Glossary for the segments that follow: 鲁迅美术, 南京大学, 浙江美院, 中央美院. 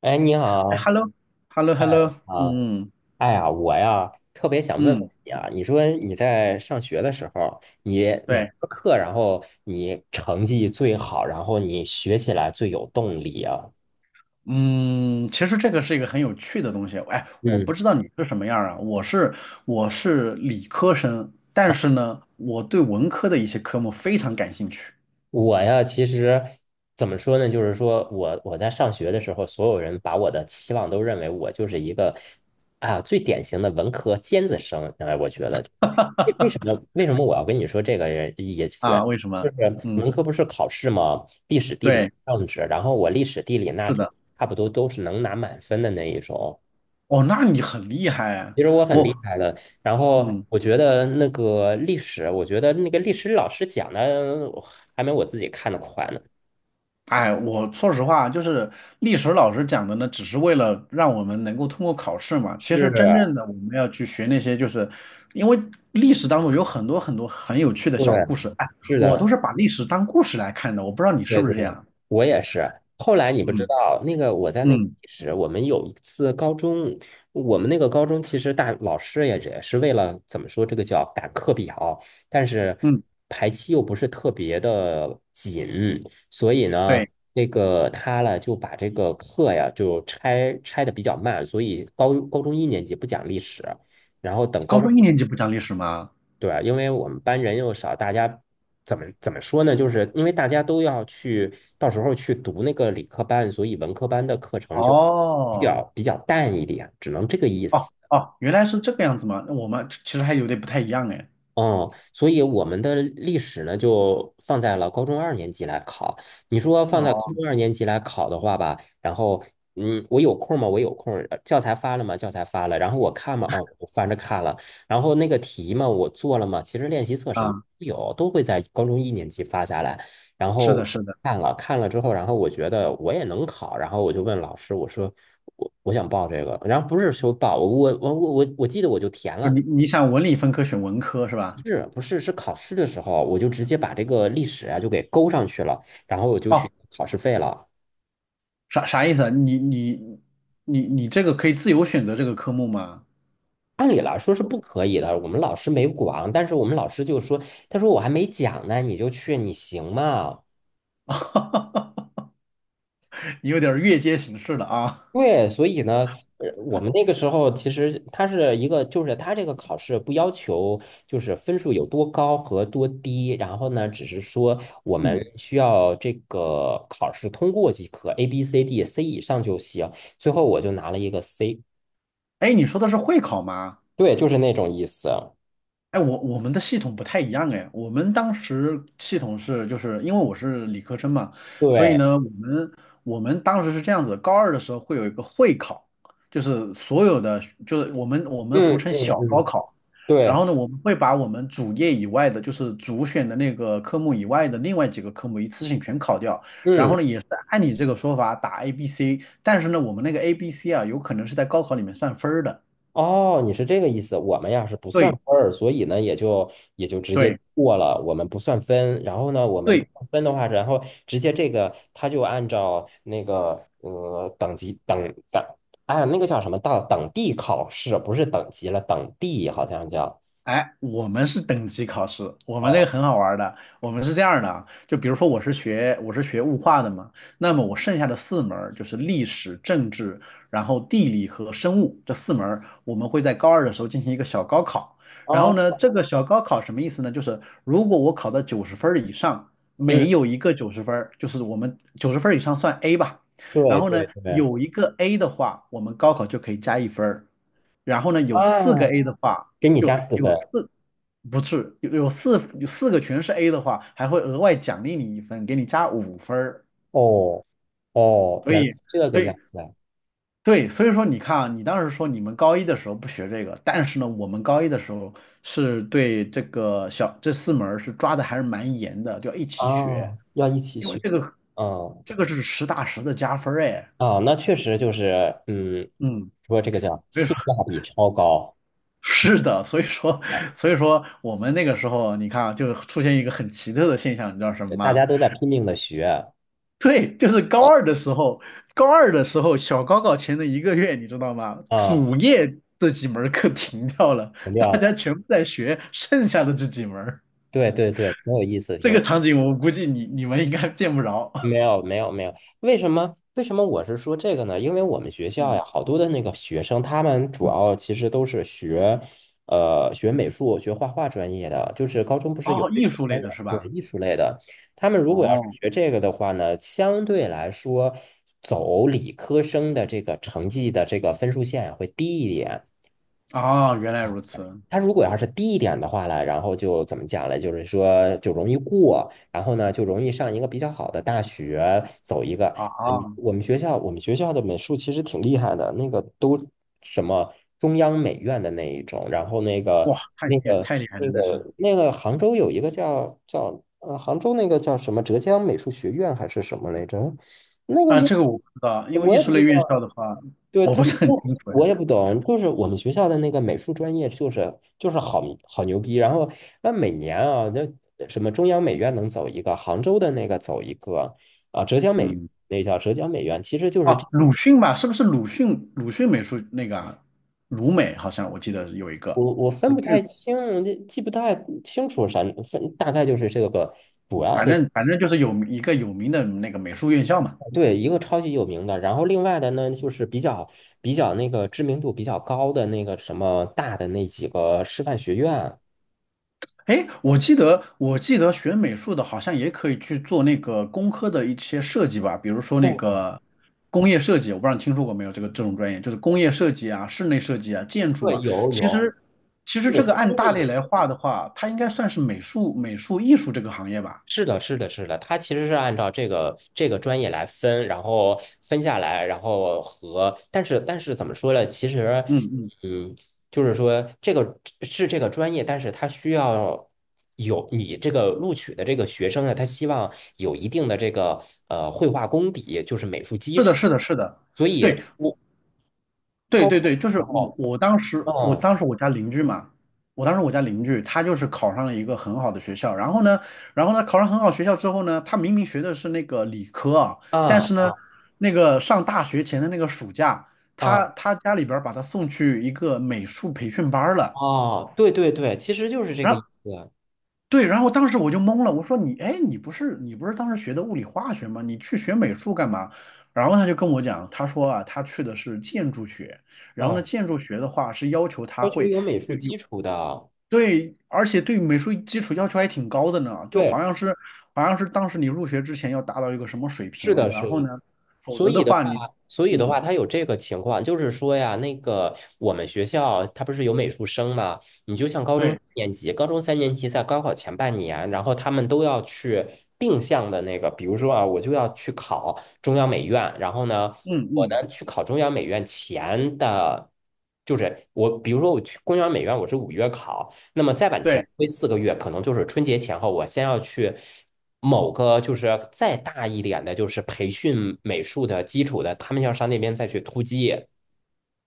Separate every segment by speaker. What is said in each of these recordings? Speaker 1: 哎，你
Speaker 2: 哎
Speaker 1: 好
Speaker 2: ，hello，hello，hello，
Speaker 1: 啊！
Speaker 2: 嗯
Speaker 1: 哎呀，我呀特别想问问
Speaker 2: 嗯，
Speaker 1: 你啊，你说你在上学的时候，你哪门
Speaker 2: 对，
Speaker 1: 儿课，然后你成绩最好，然后你学起来最有动力啊？
Speaker 2: 嗯，其实这个是一个很有趣的东西。哎，我
Speaker 1: 嗯。
Speaker 2: 不知道你是什么样儿啊，我是理科生，但是呢，我对文科的一些科目非常感兴趣
Speaker 1: 我呀，其实怎么说呢？就是说我在上学的时候，所有人把我的期望都认为我就是一个啊最典型的文科尖子生。哎，我觉得为为什 么为什么我要跟你说这个人意思？
Speaker 2: 啊。为什
Speaker 1: 就
Speaker 2: 么？
Speaker 1: 是
Speaker 2: 嗯，
Speaker 1: 文科不是考试吗？历史、地理、
Speaker 2: 对，
Speaker 1: 政治，然后我历史、地理那
Speaker 2: 是
Speaker 1: 就
Speaker 2: 的。
Speaker 1: 差不多都是能拿满分的那一种。
Speaker 2: 哦，那你很厉害啊。
Speaker 1: 其实我很
Speaker 2: 我，
Speaker 1: 厉害的，然后
Speaker 2: 嗯。
Speaker 1: 我觉得那个历史，我觉得那个历史老师讲的还没我自己看的快呢。
Speaker 2: 哎，我说实话，就是历史老师讲的呢，只是为了让我们能够通过考试嘛。其
Speaker 1: 是，
Speaker 2: 实真正的我们要去学那些，就是因为历史当中有很多很多很有趣的小
Speaker 1: 对，
Speaker 2: 故事。哎，
Speaker 1: 是
Speaker 2: 我都
Speaker 1: 的，
Speaker 2: 是把历史当故事来看的，我不知道你是
Speaker 1: 对
Speaker 2: 不
Speaker 1: 对，
Speaker 2: 是这样。
Speaker 1: 我也是。后来你不知
Speaker 2: 嗯，
Speaker 1: 道，那个我在那个
Speaker 2: 嗯
Speaker 1: 历史，我们有一次高中，我们那个高中其实大老师也是为了怎么说，这个叫赶课表，但是
Speaker 2: 嗯，
Speaker 1: 排期又不是特别的紧，所以呢，
Speaker 2: 对，
Speaker 1: 那个他呢就把这个课呀就拆的比较慢，所以高中一年级不讲历史，然后等高
Speaker 2: 高
Speaker 1: 中
Speaker 2: 中一年级不讲历史吗？
Speaker 1: 对啊，因为我们班人又少，大家怎么说呢？就是因为大家都要去，到时候去读那个理科班，所以文科班的课程就比
Speaker 2: 哦
Speaker 1: 较比较淡一点，只能这个意
Speaker 2: 哦
Speaker 1: 思。
Speaker 2: 哦，原来是这个样子吗？那我们其实还有点不太一样哎。
Speaker 1: 哦，所以我们的历史呢，就放在了高中二年级来考。你说放在高
Speaker 2: 哦
Speaker 1: 中二年级来考的话吧，然后，嗯，我有空吗？我有空儿教材发了吗？教材发了。然后我看吗？啊，我翻着看了。然后那个题嘛，我做了吗？其实练习册什么
Speaker 2: 啊，
Speaker 1: 都有，都会在高中一年级发下来。然
Speaker 2: 是的，
Speaker 1: 后
Speaker 2: 是的，
Speaker 1: 看了看了之后，然后我觉得我也能考，然后我就问老师，我说我想报这个，然后不是说报，我记得我就填
Speaker 2: 就
Speaker 1: 了。
Speaker 2: 是你想文理分科选文科是吧？
Speaker 1: 是不是是考试的时候，我就直接把这个历史啊就给勾上去了，然后我就去
Speaker 2: 哦，
Speaker 1: 考试费了。
Speaker 2: 啥意思啊？你这个可以自由选择这个科目吗？
Speaker 1: 按理来说是不可以的，我们老师没管，但是我们老师就说，他说我还没讲呢，你就去，你行吗？
Speaker 2: 你有点儿越阶形式了啊。
Speaker 1: 对，所以呢，我们那个时候其实它是一个，就是它这个考试不要求就是分数有多高和多低，然后呢，只是说我们
Speaker 2: 嗯，
Speaker 1: 需要这个考试通过即可，A、B、C、D、C 以上就行。最后我就拿了一个 C。
Speaker 2: 哎，你说的是会考吗？
Speaker 1: 对，就是那种意思。
Speaker 2: 哎，我们的系统不太一样哎，我们当时系统是就是因为我是理科生嘛，所以
Speaker 1: 对，
Speaker 2: 呢，我们当时是这样子，高二的时候会有一个会考，就是所有的就是我们俗
Speaker 1: 嗯
Speaker 2: 称
Speaker 1: 嗯
Speaker 2: 小高
Speaker 1: 嗯，
Speaker 2: 考，然
Speaker 1: 对，
Speaker 2: 后呢，我们会把我们主业以外的，就是主选的那个科目以外的另外几个科目一次性全考掉，然
Speaker 1: 嗯，
Speaker 2: 后呢，也是按你这个说法打 A、B、C，但是呢，我们那个 A、B、C 啊，有可能是在高考里面算分儿的，
Speaker 1: 哦，你是这个意思。我们呀是不算
Speaker 2: 对
Speaker 1: 分儿，所以呢也就直接
Speaker 2: 对。
Speaker 1: 过了，我们不算分。然后呢，我们不
Speaker 2: 对
Speaker 1: 算分的话，然后直接这个他就按照那个等级等，哎呀那个叫什么到等地考试，不是等级了，等地好像叫
Speaker 2: 哎，我们是等级考试，我们那
Speaker 1: 哦
Speaker 2: 个很好玩儿的。我们是这样儿的啊，就比如说我是学物化的嘛，那么我剩下的四门儿就是历史、政治，然后地理和生物这四门儿我们会在高二的时候进行一个小高考。然后呢，
Speaker 1: 哦，
Speaker 2: 这个小高考什么意思呢？就是如果我考到九十分儿以上，每
Speaker 1: 嗯，
Speaker 2: 有一个九十分儿，就是我们九十分儿以上算 A 吧。然
Speaker 1: 对
Speaker 2: 后
Speaker 1: 对
Speaker 2: 呢，
Speaker 1: 对，
Speaker 2: 有一个 A 的话，我们高考就可以加1分儿。然后呢，有四个
Speaker 1: 啊，
Speaker 2: A 的话。
Speaker 1: 给你
Speaker 2: 就
Speaker 1: 加4分
Speaker 2: 有四，不是有四个全是 A 的话，还会额外奖励你一分，给你加5分儿。
Speaker 1: 哦。哦，
Speaker 2: 所
Speaker 1: 原来
Speaker 2: 以，
Speaker 1: 是这个
Speaker 2: 所
Speaker 1: 样
Speaker 2: 以
Speaker 1: 子。
Speaker 2: 对，所以说你看啊，你当时说你们高一的时候不学这个，但是呢，我们高一的时候是对这个小这四门儿是抓的还是蛮严的，就要一起学，
Speaker 1: 哦，要一起
Speaker 2: 因为
Speaker 1: 学，
Speaker 2: 这个
Speaker 1: 嗯，
Speaker 2: 这个是实打实的加分儿哎。
Speaker 1: 啊，那确实就是，嗯，
Speaker 2: 嗯，
Speaker 1: 说这个叫
Speaker 2: 所以说
Speaker 1: 性价比超高，
Speaker 2: 是的，所以说我们那个时候，你看啊，就出现一个很奇特的现象，你知道什么
Speaker 1: 哎，大
Speaker 2: 吗？
Speaker 1: 家都在拼命的学，
Speaker 2: 对，就是高
Speaker 1: 呃
Speaker 2: 二的时候，小高考前的一个月，你知道吗？
Speaker 1: 啊，
Speaker 2: 主业这几门儿课停掉了，
Speaker 1: 停掉
Speaker 2: 大家
Speaker 1: 了，
Speaker 2: 全部在学剩下的这几门儿。
Speaker 1: 对对对，挺有意思，
Speaker 2: 这
Speaker 1: 挺
Speaker 2: 个
Speaker 1: 有
Speaker 2: 场景我估计你们应该见不着。
Speaker 1: 没有没有没有，为什么我是说这个呢？因为我们学 校
Speaker 2: 嗯，
Speaker 1: 呀，好多的那个学生，他们主要其实都是学，学美术、学画画专业的，就是高中不是有
Speaker 2: 哦，
Speaker 1: 这
Speaker 2: 艺
Speaker 1: 个
Speaker 2: 术类
Speaker 1: 专业，
Speaker 2: 的是
Speaker 1: 对，
Speaker 2: 吧？
Speaker 1: 艺术类的。他们如果要是
Speaker 2: 哦，
Speaker 1: 学这个的话呢，相对来说，走理科生的这个成绩的这个分数线呀会低一点。
Speaker 2: 啊，原来如此。
Speaker 1: 它如果要是低一点的话呢，然后就怎么讲呢？就是说就容易过，然后呢就容易上一个比较好的大学，走一个。
Speaker 2: 啊，啊
Speaker 1: 嗯，我们学校的美术其实挺厉害的，那个都什么中央美院的那一种，然后
Speaker 2: 哇，
Speaker 1: 那个
Speaker 2: 太厉害了，
Speaker 1: 那个
Speaker 2: 那是。
Speaker 1: 那个杭州有一个叫杭州那个叫什么浙江美术学院还是什么来着？那个
Speaker 2: 啊，
Speaker 1: 也
Speaker 2: 这个我不知道，因为
Speaker 1: 我
Speaker 2: 艺
Speaker 1: 也不
Speaker 2: 术
Speaker 1: 知
Speaker 2: 类院校的话，
Speaker 1: 对，
Speaker 2: 我
Speaker 1: 他
Speaker 2: 不是
Speaker 1: 们
Speaker 2: 很
Speaker 1: 不，
Speaker 2: 清楚呀。
Speaker 1: 我也不懂，就是我们学校的那个美术专业，就是好牛逼。然后那每年啊，那什么中央美院能走一个，杭州的那个走一个，啊，浙江美
Speaker 2: 嗯。
Speaker 1: 那叫浙江美院，其实就是这，
Speaker 2: 哦，鲁迅吧，是不是鲁迅？鲁迅美术那个啊鲁美好像我记得有一个
Speaker 1: 我分
Speaker 2: 鲁
Speaker 1: 不太
Speaker 2: 迅，
Speaker 1: 清，这记不太清楚啥分，大概就是这个主
Speaker 2: 嗯
Speaker 1: 要
Speaker 2: 反
Speaker 1: 的，
Speaker 2: 正反正就是有一个有名的那个美术院校嘛。
Speaker 1: 对，一个超级有名的，然后另外的呢，就是比较那个知名度比较高的那个什么大的那几个师范学院。
Speaker 2: 哎，我记得学美术的好像也可以去做那个工科的一些设计吧，比如说那
Speaker 1: 对
Speaker 2: 个工业设计，我不知道你听说过没有这个这种专业，就是工业设计啊、室内设计啊、建筑
Speaker 1: 对，
Speaker 2: 啊。
Speaker 1: 有
Speaker 2: 其
Speaker 1: 有。
Speaker 2: 实其实
Speaker 1: 美
Speaker 2: 这个
Speaker 1: 术工
Speaker 2: 按
Speaker 1: 业
Speaker 2: 大类
Speaker 1: 也
Speaker 2: 来划的话，它应该算是美术艺术这个行业吧。
Speaker 1: 是的，是的，是的，它其实是按照这个专业来分，然后分下来，然后和，但是怎么说呢？其实，
Speaker 2: 嗯嗯，
Speaker 1: 嗯，就是说这个是这个专业，但是它需要有你这个录取的这个学生啊，他希望有一定的这个绘画功底，就是美术基
Speaker 2: 是
Speaker 1: 础，
Speaker 2: 的，是的，是的。
Speaker 1: 所以
Speaker 2: 对。对
Speaker 1: 高，
Speaker 2: 对对，就是我我当时我
Speaker 1: 嗯
Speaker 2: 当时我家邻居嘛，我当时我家邻居他就是考上了一个很好的学校，然后呢，考上很好学校之后呢，他明明学的是那个理科啊，但是
Speaker 1: 啊
Speaker 2: 呢，那个上大学前的那个暑假，他
Speaker 1: 啊
Speaker 2: 他家里边儿把他送去一个美术培训班儿了。
Speaker 1: 哦，对对对，其实就是这个
Speaker 2: 然后
Speaker 1: 意思，
Speaker 2: 对，然后当时我就懵了，我说你，哎，你不是当时学的物理化学吗？你去学美术干嘛？然后他就跟我讲，他说啊，他去的是建筑学，然后呢，
Speaker 1: 嗯，
Speaker 2: 建筑学的话是要求他
Speaker 1: 要求
Speaker 2: 会
Speaker 1: 有美术基础的。
Speaker 2: 对，而且对美术基础要求还挺高的呢，就好
Speaker 1: 对。
Speaker 2: 像是好像是当时你入学之前要达到一个什么水
Speaker 1: 是
Speaker 2: 平，
Speaker 1: 的，是
Speaker 2: 然后
Speaker 1: 的。
Speaker 2: 呢，否
Speaker 1: 所
Speaker 2: 则的
Speaker 1: 以的话，
Speaker 2: 话你，
Speaker 1: 所以的话，
Speaker 2: 嗯，
Speaker 1: 他有这个情况，就是说呀，那个我们学校他不是有美术生嘛？你就像高中
Speaker 2: 对，
Speaker 1: 三年级，高中三年级在高考前半年，然后他们都要去定向的那个，比如说啊，我就要去考中央美院，然后呢，
Speaker 2: 嗯
Speaker 1: 我
Speaker 2: 嗯。
Speaker 1: 呢去考中央美院前的，就是我，比如说我去中央美院，我是5月考，那么再往前
Speaker 2: 对。
Speaker 1: 推4个月，可能就是春节前后，我先要去某个就是再大一点的，就是培训美术的基础的，他们要上那边再去突击。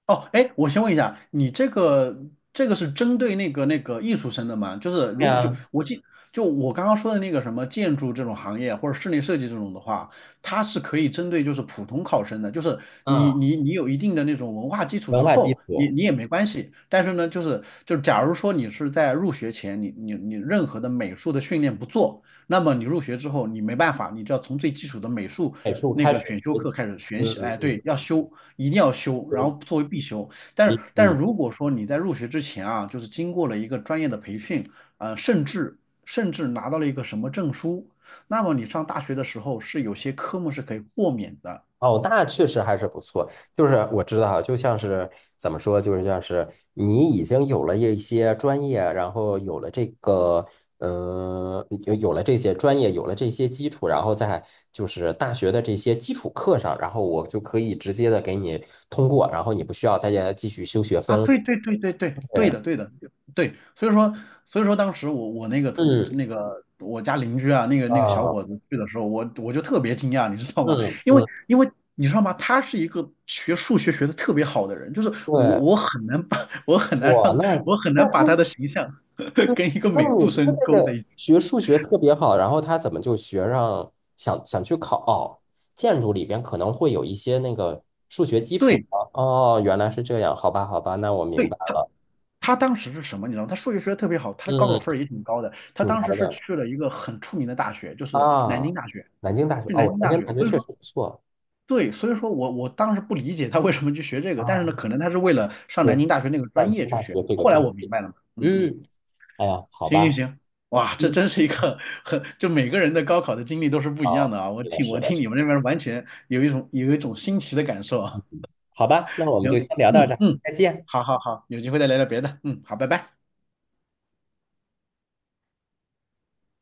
Speaker 2: 哦，哎，我先问一下，你这个是针对那个艺术生的吗？就是
Speaker 1: 对
Speaker 2: 如果就
Speaker 1: 啊，
Speaker 2: 我记就我刚刚说的那个什么建筑这种行业或者室内设计这种的话，它是可以针对就是普通考生的，就是你
Speaker 1: 嗯，
Speaker 2: 你你有一定的那种文化基础
Speaker 1: 文
Speaker 2: 之
Speaker 1: 化基
Speaker 2: 后，你
Speaker 1: 础，
Speaker 2: 你也没关系。但是呢，就是就假如说你是在入学前你任何的美术的训练不做，那么你入学之后你没办法，你就要从最基础的美术
Speaker 1: 美术
Speaker 2: 那
Speaker 1: 开始
Speaker 2: 个选修
Speaker 1: 学
Speaker 2: 课
Speaker 1: 习。
Speaker 2: 开始
Speaker 1: 嗯
Speaker 2: 选习，
Speaker 1: 嗯
Speaker 2: 哎，对，
Speaker 1: 嗯，
Speaker 2: 要修，一定要修，
Speaker 1: 嗯
Speaker 2: 然
Speaker 1: 嗯。
Speaker 2: 后作为必修。但是，但
Speaker 1: 嗯
Speaker 2: 是如果说你在入学之前啊，就是经过了一个专业的培训，呃，甚至拿到了一个什么证书，那么你上大学的时候是有些科目是可以豁免的，
Speaker 1: 哦，那确实还是不错。就是我知道，就像是怎么说，就是像是你已经有了一些专业，然后有了这个，有这些专业，有了这些基础，然后在就是大学的这些基础课上，然后我就可以直接的给你通过，然后你不需要再继续修学
Speaker 2: 啊，
Speaker 1: 分了
Speaker 2: 对对对对对，对
Speaker 1: 对，
Speaker 2: 的对的对，所以说当时我那个同
Speaker 1: 嗯，
Speaker 2: 那个我家邻居啊，那个小
Speaker 1: 啊，
Speaker 2: 伙子去的时候，我就特别惊讶，你知道吗？
Speaker 1: 嗯
Speaker 2: 因为
Speaker 1: 嗯，
Speaker 2: 因为你知道吗？他是一个学数学学的特别好的人，就是我
Speaker 1: 对，
Speaker 2: 我很难把 我很难
Speaker 1: 哇，
Speaker 2: 让
Speaker 1: 那。
Speaker 2: 我很难把他的形象 跟一个
Speaker 1: 那
Speaker 2: 美
Speaker 1: 你
Speaker 2: 术
Speaker 1: 说
Speaker 2: 生
Speaker 1: 这
Speaker 2: 勾在
Speaker 1: 个
Speaker 2: 一起。
Speaker 1: 学数学特别好，然后他怎么就学上去考哦建筑里边可能会有一些那个
Speaker 2: 对
Speaker 1: 哦，原来是这样，好吧，好吧，那我明
Speaker 2: 对，
Speaker 1: 白
Speaker 2: 他
Speaker 1: 了，
Speaker 2: 他当时是什么？你知道吗他数学学的特别好，他的高考分儿
Speaker 1: 嗯，
Speaker 2: 也挺高的。他
Speaker 1: 挺
Speaker 2: 当
Speaker 1: 高
Speaker 2: 时是
Speaker 1: 的
Speaker 2: 去了一个很出名的大学，就是南京
Speaker 1: 啊，
Speaker 2: 大学，
Speaker 1: 南京大学
Speaker 2: 去南
Speaker 1: 哦，
Speaker 2: 京
Speaker 1: 南
Speaker 2: 大
Speaker 1: 京
Speaker 2: 学。
Speaker 1: 大学
Speaker 2: 所以
Speaker 1: 确实
Speaker 2: 说。
Speaker 1: 不错
Speaker 2: 对，所以说我当时不理解他为什么去学这个，但是
Speaker 1: 啊，
Speaker 2: 呢，可能他是为了上
Speaker 1: 对，
Speaker 2: 南京大学那个
Speaker 1: 南
Speaker 2: 专
Speaker 1: 京
Speaker 2: 业去
Speaker 1: 大
Speaker 2: 学的
Speaker 1: 学这个
Speaker 2: 后来
Speaker 1: 专
Speaker 2: 我明
Speaker 1: 业，
Speaker 2: 白了嘛，嗯嗯，
Speaker 1: 嗯，哎呀，好
Speaker 2: 行
Speaker 1: 吧，
Speaker 2: 行行，哇，这
Speaker 1: 嗯，
Speaker 2: 真是一个很，就每个人的高考的经历都是不一样
Speaker 1: 哦，
Speaker 2: 的啊。我
Speaker 1: 是的，
Speaker 2: 听
Speaker 1: 是
Speaker 2: 我
Speaker 1: 的，
Speaker 2: 听
Speaker 1: 是
Speaker 2: 你们那
Speaker 1: 的，
Speaker 2: 边完全有一种新奇的感受
Speaker 1: 嗯
Speaker 2: 啊。
Speaker 1: 好吧，那我们就
Speaker 2: 行，
Speaker 1: 先聊到
Speaker 2: 嗯
Speaker 1: 这儿，
Speaker 2: 嗯，
Speaker 1: 再见。
Speaker 2: 好好好，有机会再聊聊别的，嗯，好，拜拜。